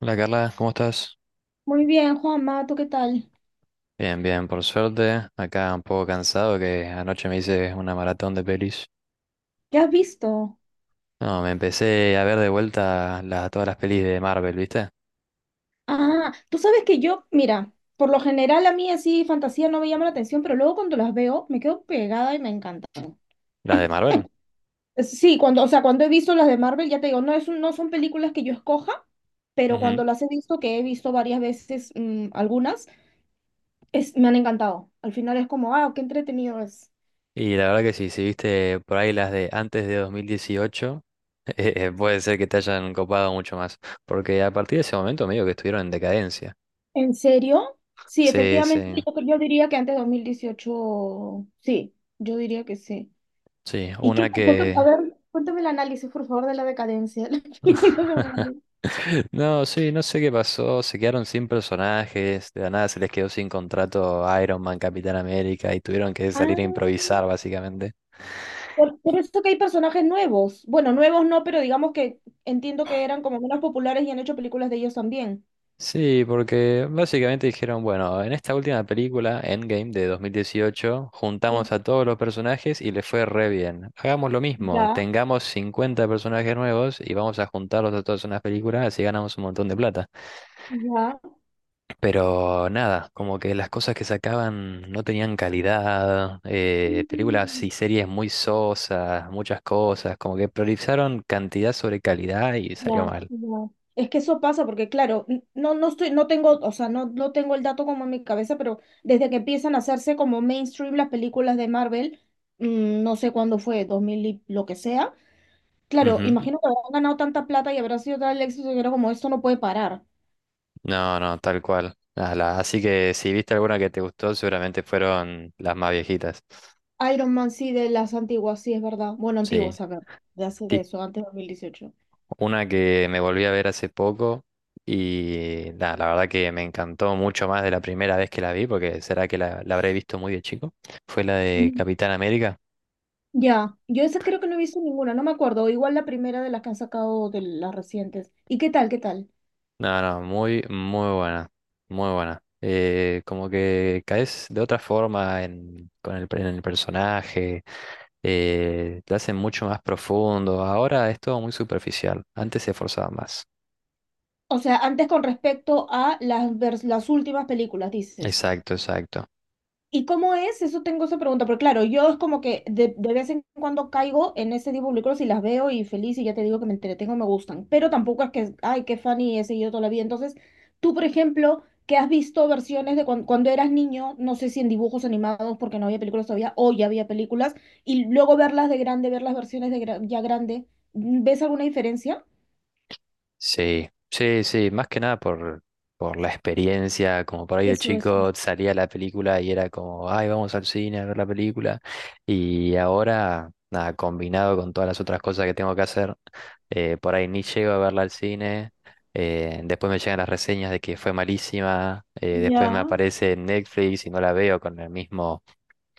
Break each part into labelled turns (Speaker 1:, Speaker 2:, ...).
Speaker 1: Hola Carla, ¿cómo estás?
Speaker 2: Muy bien, Juanma, ¿tú qué tal?
Speaker 1: Bien, bien, por suerte. Acá un poco cansado que anoche me hice una maratón de pelis.
Speaker 2: ¿Qué has visto?
Speaker 1: No, me empecé a ver de vuelta todas las pelis de Marvel, ¿viste?
Speaker 2: Ah, tú sabes que yo, mira, por lo general a mí así fantasía no me llama la atención, pero luego cuando las veo me quedo pegada y me encantan.
Speaker 1: Las de Marvel.
Speaker 2: Sí, cuando, o sea, cuando he visto las de Marvel, ya te digo, no es, no son películas que yo escoja, pero
Speaker 1: Ujú.
Speaker 2: cuando las he visto, que he visto varias veces, algunas, es, me han encantado. Al final es como, ah, qué entretenido es.
Speaker 1: Y la verdad que sí, si viste por ahí las de antes de 2018, puede ser que te hayan copado mucho más. Porque a partir de ese momento medio que estuvieron en decadencia.
Speaker 2: ¿En serio? Sí,
Speaker 1: Sí,
Speaker 2: efectivamente,
Speaker 1: sí,
Speaker 2: yo diría que antes de 2018 sí, yo diría que sí.
Speaker 1: sí.
Speaker 2: ¿Y qué?
Speaker 1: Una
Speaker 2: ¿Por qué? A
Speaker 1: que...
Speaker 2: ver, cuéntame el análisis, por favor, de la decadencia de la película de Marvel.
Speaker 1: No, sí, no sé qué pasó. Se quedaron sin personajes. De la nada se les quedó sin contrato Iron Man, Capitán América y tuvieron que salir
Speaker 2: Ah,
Speaker 1: a improvisar, básicamente.
Speaker 2: por eso que hay personajes nuevos. Bueno, nuevos no, pero digamos que entiendo que eran como menos populares y han hecho películas de ellos también.
Speaker 1: Sí, porque básicamente dijeron, bueno, en esta última película, Endgame de 2018, juntamos
Speaker 2: Sí.
Speaker 1: a todos los personajes y les fue re bien. Hagamos lo mismo,
Speaker 2: Ya,
Speaker 1: tengamos 50 personajes nuevos y vamos a juntarlos a todos en una película, así ganamos un montón de plata.
Speaker 2: ya.
Speaker 1: Pero nada, como que las cosas que sacaban no tenían calidad, películas
Speaker 2: Mm.
Speaker 1: y series muy sosas, muchas cosas, como que priorizaron cantidad sobre calidad y salió
Speaker 2: Ya,
Speaker 1: mal.
Speaker 2: ya. Es que eso pasa porque, claro, no estoy, no tengo, o sea, no tengo el dato como en mi cabeza, pero desde que empiezan a hacerse como mainstream las películas de Marvel, no sé cuándo fue, 2000 y lo que sea. Claro,
Speaker 1: Ujú.
Speaker 2: imagino que habrán ganado tanta plata y habrá sido tal el éxito que era como esto no puede parar.
Speaker 1: No, no, tal cual. Ah, así que si viste alguna que te gustó, seguramente fueron las más viejitas.
Speaker 2: Iron Man sí, de las antiguas, sí, es verdad. Bueno,
Speaker 1: Sí,
Speaker 2: antiguas, a ver, de hace de
Speaker 1: tip,
Speaker 2: eso, antes de 2018.
Speaker 1: una que me volví a ver hace poco y nada, la verdad que me encantó mucho más de la primera vez que la vi, porque será que la habré visto muy de chico, fue la de
Speaker 2: Mm.
Speaker 1: Capitán América.
Speaker 2: Ya. Yo esa creo que no he visto ninguna, no me acuerdo. Igual la primera de las que han sacado de las recientes. ¿Y qué tal, qué tal?
Speaker 1: No, no, muy, muy buena, muy buena. Como que caes de otra forma en, con el, en el personaje, te hacen mucho más profundo. Ahora es todo muy superficial, antes se esforzaba más.
Speaker 2: O sea, antes con respecto a las últimas películas, dices.
Speaker 1: Exacto, exacto.
Speaker 2: ¿Y cómo es? Eso tengo esa pregunta, pero claro, yo es como que de vez en cuando caigo en ese tipo de películas y las veo y feliz y ya te digo que me entretengo, me gustan, pero tampoco es que, ay, qué funny he seguido toda la vida. Entonces, tú, por ejemplo, que has visto versiones de cuando, eras niño, no sé si en dibujos animados porque no había películas todavía, o ya había películas, y luego verlas de grande, ver las versiones de ya grande, ¿ves alguna diferencia?
Speaker 1: Sí, sí, sí, más que nada por la experiencia, como por ahí de
Speaker 2: Eso, eso.
Speaker 1: chico salía la película y era como, ay, vamos al cine a ver la película. Y ahora, nada, combinado con todas las otras cosas que tengo que hacer, por ahí ni llego a verla al cine, después me llegan las reseñas de que fue malísima, después me
Speaker 2: Ya.
Speaker 1: aparece en Netflix y no la veo con el mismo,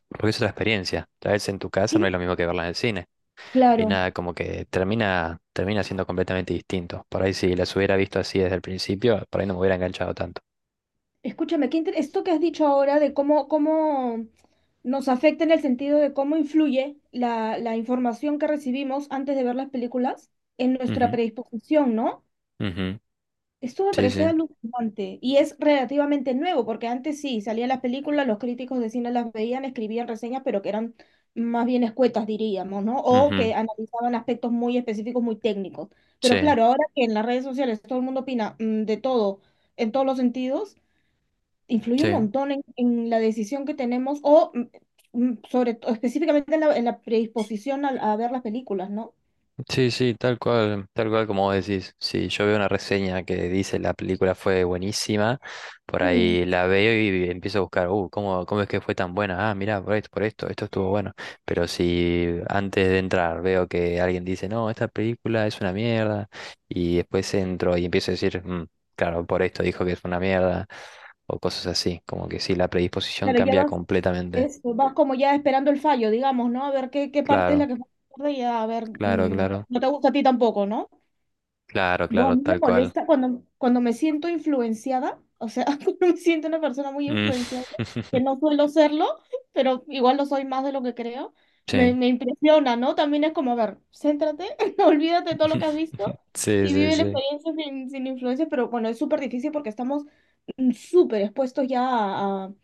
Speaker 1: porque es otra experiencia, tal vez en tu casa no es
Speaker 2: Sí.
Speaker 1: lo mismo que verla en el cine. Y
Speaker 2: Claro.
Speaker 1: nada, como que termina siendo completamente distinto. Por ahí si las hubiera visto así desde el principio, por ahí no me hubiera enganchado tanto.
Speaker 2: Escúchame, qué esto que has dicho ahora de cómo, cómo nos afecta en el sentido de cómo influye la información que recibimos antes de ver las películas en nuestra
Speaker 1: Ujú,
Speaker 2: predisposición, ¿no?
Speaker 1: ujú.
Speaker 2: Esto me
Speaker 1: Sí,
Speaker 2: parece
Speaker 1: sí,
Speaker 2: alucinante y es relativamente nuevo, porque antes sí, salían las películas, los críticos de cine las veían, escribían reseñas, pero que eran más bien escuetas, diríamos, ¿no? O
Speaker 1: ujú.
Speaker 2: que analizaban aspectos muy específicos, muy técnicos. Pero
Speaker 1: Sí,
Speaker 2: claro, ahora que en las redes sociales todo el mundo opina de todo, en todos los sentidos influye un
Speaker 1: sí.
Speaker 2: montón en la decisión que tenemos o sobre todo específicamente en en la predisposición a ver las películas, ¿no?
Speaker 1: Sí, sí, tal cual como vos decís. Si yo veo una reseña que dice la película fue buenísima, por
Speaker 2: Mm.
Speaker 1: ahí la veo y empiezo a buscar, ¿cómo, cómo es que fue tan buena? Ah, mirá, por esto, esto estuvo bueno. Pero si antes de entrar veo que alguien dice, no, esta película es una mierda, y después entro y empiezo a decir, "Mm, claro, por esto dijo que es una mierda, o cosas así, como que sí, la predisposición
Speaker 2: Claro, ya
Speaker 1: cambia
Speaker 2: vas,
Speaker 1: completamente.
Speaker 2: eso, vas como ya esperando el fallo, digamos, ¿no? A ver qué, qué parte es
Speaker 1: Claro,
Speaker 2: la que falla y a ver,
Speaker 1: claro, claro,
Speaker 2: no te gusta a ti tampoco, no.
Speaker 1: claro,
Speaker 2: Buah, a
Speaker 1: claro,
Speaker 2: mí me
Speaker 1: tal cual.
Speaker 2: molesta cuando, cuando me siento influenciada, o sea, cuando me siento una persona muy
Speaker 1: Mm.
Speaker 2: influenciada, que no suelo serlo, pero igual lo soy más de lo que creo, me,
Speaker 1: Sí.
Speaker 2: me impresiona, ¿no? También es como, a ver, céntrate, olvídate de todo lo que has visto
Speaker 1: Sí,
Speaker 2: y
Speaker 1: sí,
Speaker 2: vive la
Speaker 1: sí.
Speaker 2: experiencia sin, sin influencia, pero bueno, es súper difícil porque estamos súper expuestos ya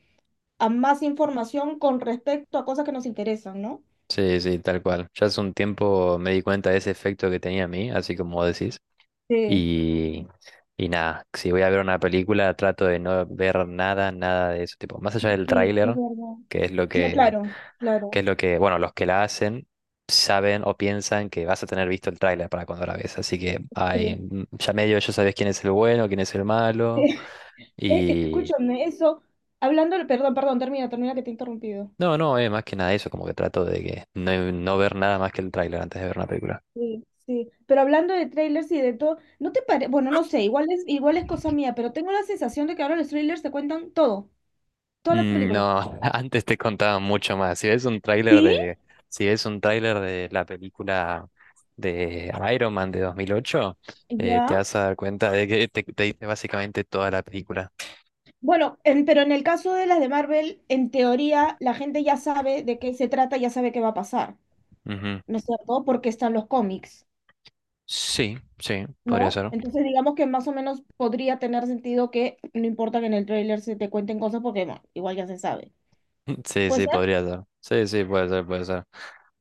Speaker 2: a más información con respecto a cosas que nos interesan, ¿no?
Speaker 1: Sí, sí, tal cual. Ya hace un tiempo me di cuenta de ese efecto que tenía a mí, así como vos decís.
Speaker 2: Sí,
Speaker 1: Y, y nada, si voy a ver una película, trato de no ver nada, nada de eso. Tipo, más allá del
Speaker 2: sí, es
Speaker 1: tráiler,
Speaker 2: verdad.
Speaker 1: que es lo que,
Speaker 2: Claro, claro.
Speaker 1: los que la hacen saben o piensan que vas a tener visto el tráiler para cuando la ves. Así que ay,
Speaker 2: Sí.
Speaker 1: mm, ya medio ya sabes quién es el bueno, quién es el malo.
Speaker 2: Escúchame, eso, hablando, perdón, perdón, termina, termina que te he interrumpido.
Speaker 1: No, no, es más que nada eso, como que trato de que no, no ver nada más que el tráiler antes de ver una película.
Speaker 2: Sí, sí, pero hablando de trailers y de todo, ¿no te parece? Bueno, no sé, igual es cosa mía, pero tengo la sensación de que ahora los trailers te cuentan todo, toda la
Speaker 1: Mm,
Speaker 2: película.
Speaker 1: no, antes te contaba mucho más. Si ves un tráiler
Speaker 2: Sí,
Speaker 1: de, si ves un tráiler de la película de Iron Man de 2008, te
Speaker 2: ya.
Speaker 1: vas a dar cuenta de que te dice básicamente toda la película.
Speaker 2: Bueno, pero en el caso de las de Marvel, en teoría, la gente ya sabe de qué se trata, ya sabe qué va a pasar,
Speaker 1: Ujú.
Speaker 2: ¿no es cierto? Porque están los cómics,
Speaker 1: Sí, sí, podría
Speaker 2: ¿no?
Speaker 1: ser.
Speaker 2: Entonces, digamos que más o menos podría tener sentido que no importa que en el tráiler se te cuenten cosas porque, bueno, igual ya se sabe.
Speaker 1: Sí,
Speaker 2: Puede
Speaker 1: sí,
Speaker 2: ser.
Speaker 1: podría ser. Sí, sí, puede ser, puede ser.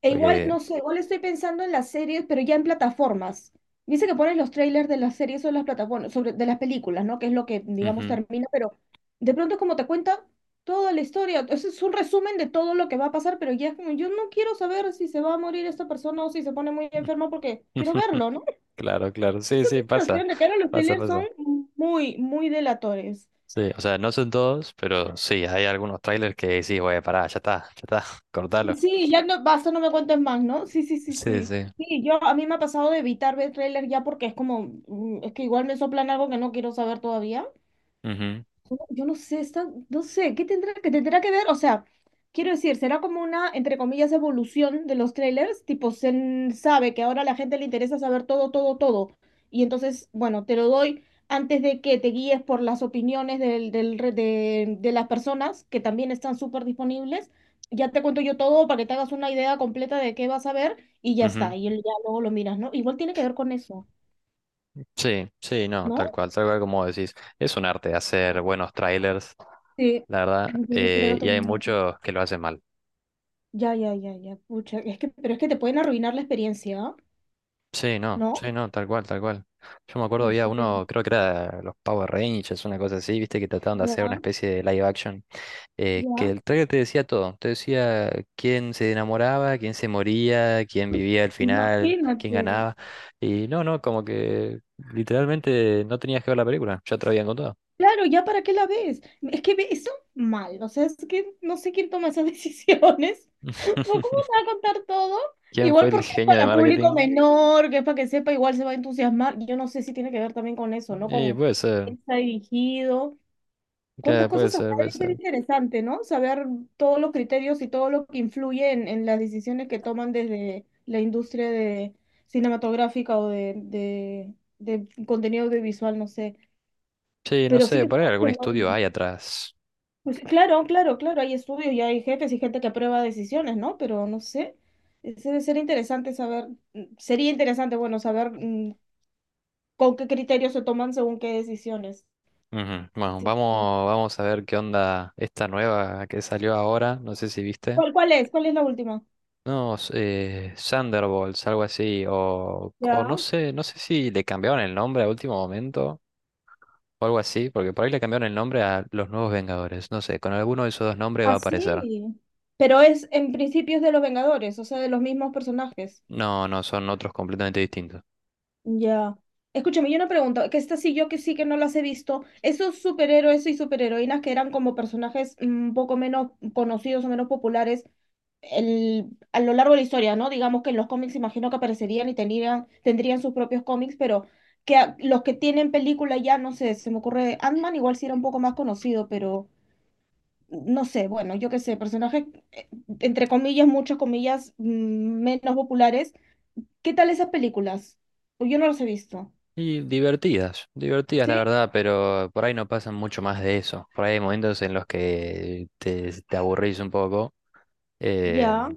Speaker 2: E igual,
Speaker 1: Porque...
Speaker 2: no sé, igual estoy pensando en las series, pero ya en plataformas. Dice que pones los trailers de las series o de las plataformas, sobre, de las películas, ¿no? Que es lo que, digamos,
Speaker 1: ujú.
Speaker 2: termina, pero de pronto es como te cuenta toda la historia. Ese es un resumen de todo lo que va a pasar, pero ya es como, yo no quiero saber si se va a morir esta persona o si se pone muy enferma porque quiero verlo, ¿no?
Speaker 1: Claro, claro, sí,
Speaker 2: Esa
Speaker 1: sí, pasa,
Speaker 2: sensación de que ahora los
Speaker 1: pasa,
Speaker 2: trailers son
Speaker 1: pasa.
Speaker 2: muy, muy delatores.
Speaker 1: Sí, o sea, no son todos, pero sí, hay algunos trailers que sí, güey, pará, ya está,
Speaker 2: Sí,
Speaker 1: cortalo.
Speaker 2: sí, ya no, basta, no me cuentes más, ¿no? Sí, sí, sí,
Speaker 1: Sí,
Speaker 2: sí.
Speaker 1: sí.
Speaker 2: Sí, yo a mí me ha pasado de evitar ver tráiler ya porque es como, es que igual me soplan algo que no quiero saber todavía.
Speaker 1: Ujú,
Speaker 2: Yo no sé, está, no sé, ¿qué tendrá que ver? O sea, quiero decir, será como una, entre comillas, evolución de los trailers, tipo, sabe que ahora a la gente le interesa saber todo, todo, todo. Y entonces, bueno, te lo doy antes de que te guíes por las opiniones de las personas que también están súper disponibles. Ya te cuento yo todo para que te hagas una idea completa de qué vas a ver y ya
Speaker 1: ujú.
Speaker 2: está. Ya luego lo miras, ¿no? Igual tiene que ver con eso,
Speaker 1: Sí, sí, no,
Speaker 2: ¿no?
Speaker 1: tal cual como decís. Es un arte hacer buenos trailers,
Speaker 2: Sí,
Speaker 1: la verdad,
Speaker 2: yo lo creo
Speaker 1: y hay
Speaker 2: también.
Speaker 1: muchos que lo hacen mal.
Speaker 2: Ya, ya, ya, ya, pucha, es que, pero es que te pueden arruinar la experiencia, ¿ah?
Speaker 1: Sí, no, sí,
Speaker 2: ¿No?
Speaker 1: no, tal cual, tal cual. Yo me acuerdo
Speaker 2: No
Speaker 1: había
Speaker 2: sé,
Speaker 1: uno, creo que era los Power Rangers, una cosa así, viste, que trataban de hacer una
Speaker 2: ya,
Speaker 1: especie de live action, que
Speaker 2: ya,
Speaker 1: el trailer te decía todo, te decía quién se enamoraba, quién se moría, quién vivía al final, quién
Speaker 2: imagínate.
Speaker 1: ganaba, y no, no, como que literalmente no tenías que ver la película, ya te lo habían contado.
Speaker 2: Claro, ya para qué la ves. Es que eso mal, o sea, es que no sé quién toma esas decisiones. ¿O ¿cómo te va a contar todo?
Speaker 1: ¿Quién fue
Speaker 2: Igual
Speaker 1: el
Speaker 2: porque es
Speaker 1: genio de
Speaker 2: para público
Speaker 1: marketing?
Speaker 2: menor, que es para que sepa, igual se va a entusiasmar. Yo no sé si tiene que ver también con eso, ¿no?
Speaker 1: Y
Speaker 2: Con
Speaker 1: puede ser,
Speaker 2: quién está dirigido.
Speaker 1: que
Speaker 2: ¿Cuántas
Speaker 1: puede
Speaker 2: cosas habrá?
Speaker 1: ser, puede
Speaker 2: Debe ser
Speaker 1: ser.
Speaker 2: interesante, ¿no? Saber todos los criterios y todo lo que influye en las decisiones que toman desde la industria de cinematográfica o de contenido audiovisual, no sé.
Speaker 1: Sí, no
Speaker 2: Pero sí
Speaker 1: sé,
Speaker 2: que
Speaker 1: por ahí
Speaker 2: todo
Speaker 1: algún
Speaker 2: se
Speaker 1: estudio hay atrás.
Speaker 2: pues, sí, claro, hay estudios y hay jefes y gente que aprueba decisiones, ¿no? Pero no sé. Ese debe ser interesante saber, sería interesante, bueno, saber con qué criterios se toman según qué decisiones.
Speaker 1: Ujú. Bueno,
Speaker 2: Sí, sí.
Speaker 1: vamos, vamos a ver qué onda esta nueva que salió ahora. No sé si viste.
Speaker 2: ¿Cuál, cuál es? ¿Cuál es la última?
Speaker 1: No, Thunderbolts, algo así. O no
Speaker 2: Ya.
Speaker 1: sé, no sé si le cambiaron el nombre a último momento o algo así, porque por ahí le cambiaron el nombre a los Nuevos Vengadores. No sé, con alguno de esos dos nombres va a aparecer.
Speaker 2: Así. Pero es en principios de los Vengadores, o sea, de los mismos personajes.
Speaker 1: No, no, son otros completamente distintos.
Speaker 2: Ya. Escúchame, yo una pregunta, que esta sí yo que sí que no las he visto. Esos superhéroes y superheroínas que eran como personajes un poco menos conocidos o menos populares el, a lo largo de la historia, ¿no? Digamos que en los cómics imagino que aparecerían y tenían, tendrían sus propios cómics, pero que los que tienen película ya, no sé, se me ocurre Ant-Man igual sí era un poco más conocido, pero no sé, bueno, yo qué sé, personajes, eh, entre comillas, muchas comillas, menos populares. ¿Qué tal esas películas? Pues yo no las he visto.
Speaker 1: Y divertidas, divertidas la
Speaker 2: ¿Sí?
Speaker 1: verdad, pero por ahí no pasan mucho más de eso. Por ahí hay momentos en los que te aburrís un poco.
Speaker 2: Ya.
Speaker 1: Em,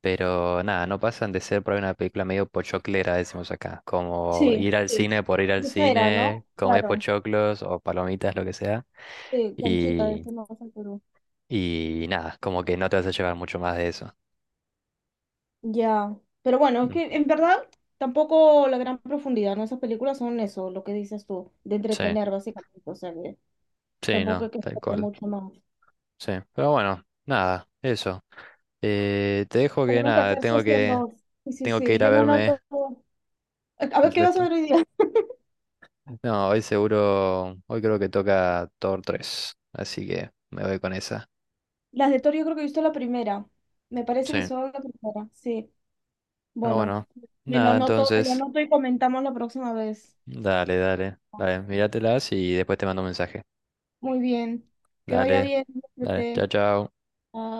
Speaker 1: pero nada, no pasan de ser por ahí una película medio pochoclera, decimos acá. Como
Speaker 2: Sí,
Speaker 1: ir al
Speaker 2: sí.
Speaker 1: cine por ir al
Speaker 2: Mucha era,
Speaker 1: cine,
Speaker 2: ¿no?
Speaker 1: comer
Speaker 2: Claro,
Speaker 1: pochoclos o palomitas, lo que sea.
Speaker 2: sí, Conchita,
Speaker 1: Y,
Speaker 2: eso no pasa en Perú.
Speaker 1: y nada, como que no te vas a llevar mucho más de eso.
Speaker 2: Ya, pero bueno, es
Speaker 1: Mm,
Speaker 2: que en verdad tampoco la gran profundidad, ¿no? Esas películas son eso, lo que dices tú, de
Speaker 1: sí,
Speaker 2: entretener básicamente, o sea, que
Speaker 1: sí,
Speaker 2: tampoco
Speaker 1: no,
Speaker 2: hay que
Speaker 1: tal
Speaker 2: sacar
Speaker 1: cual.
Speaker 2: mucho más.
Speaker 1: Sí, pero bueno, nada, eso. Te dejo que
Speaker 2: Tenemos que
Speaker 1: nada,
Speaker 2: hacer sesión dos. Sí, sí,
Speaker 1: tengo que
Speaker 2: sí,
Speaker 1: ir a
Speaker 2: yo me
Speaker 1: verme
Speaker 2: anoto. A
Speaker 1: el
Speaker 2: ver, ¿qué vas a
Speaker 1: resto.
Speaker 2: ver hoy día?
Speaker 1: No, hoy seguro, hoy creo que toca Thor 3 así que me voy con esa.
Speaker 2: Las de Thor yo creo que he visto la primera. Me parece que
Speaker 1: Sí.
Speaker 2: solo la primera. Sí.
Speaker 1: Ah,
Speaker 2: Bueno,
Speaker 1: bueno. Nada,
Speaker 2: me lo
Speaker 1: entonces.
Speaker 2: anoto y comentamos la próxima vez.
Speaker 1: Dale, dale. Dale, míratelas y después te mando un mensaje.
Speaker 2: Muy bien. Que vaya
Speaker 1: Dale,
Speaker 2: bien.
Speaker 1: dale. Chao,
Speaker 2: Cuídate.
Speaker 1: chao.
Speaker 2: Te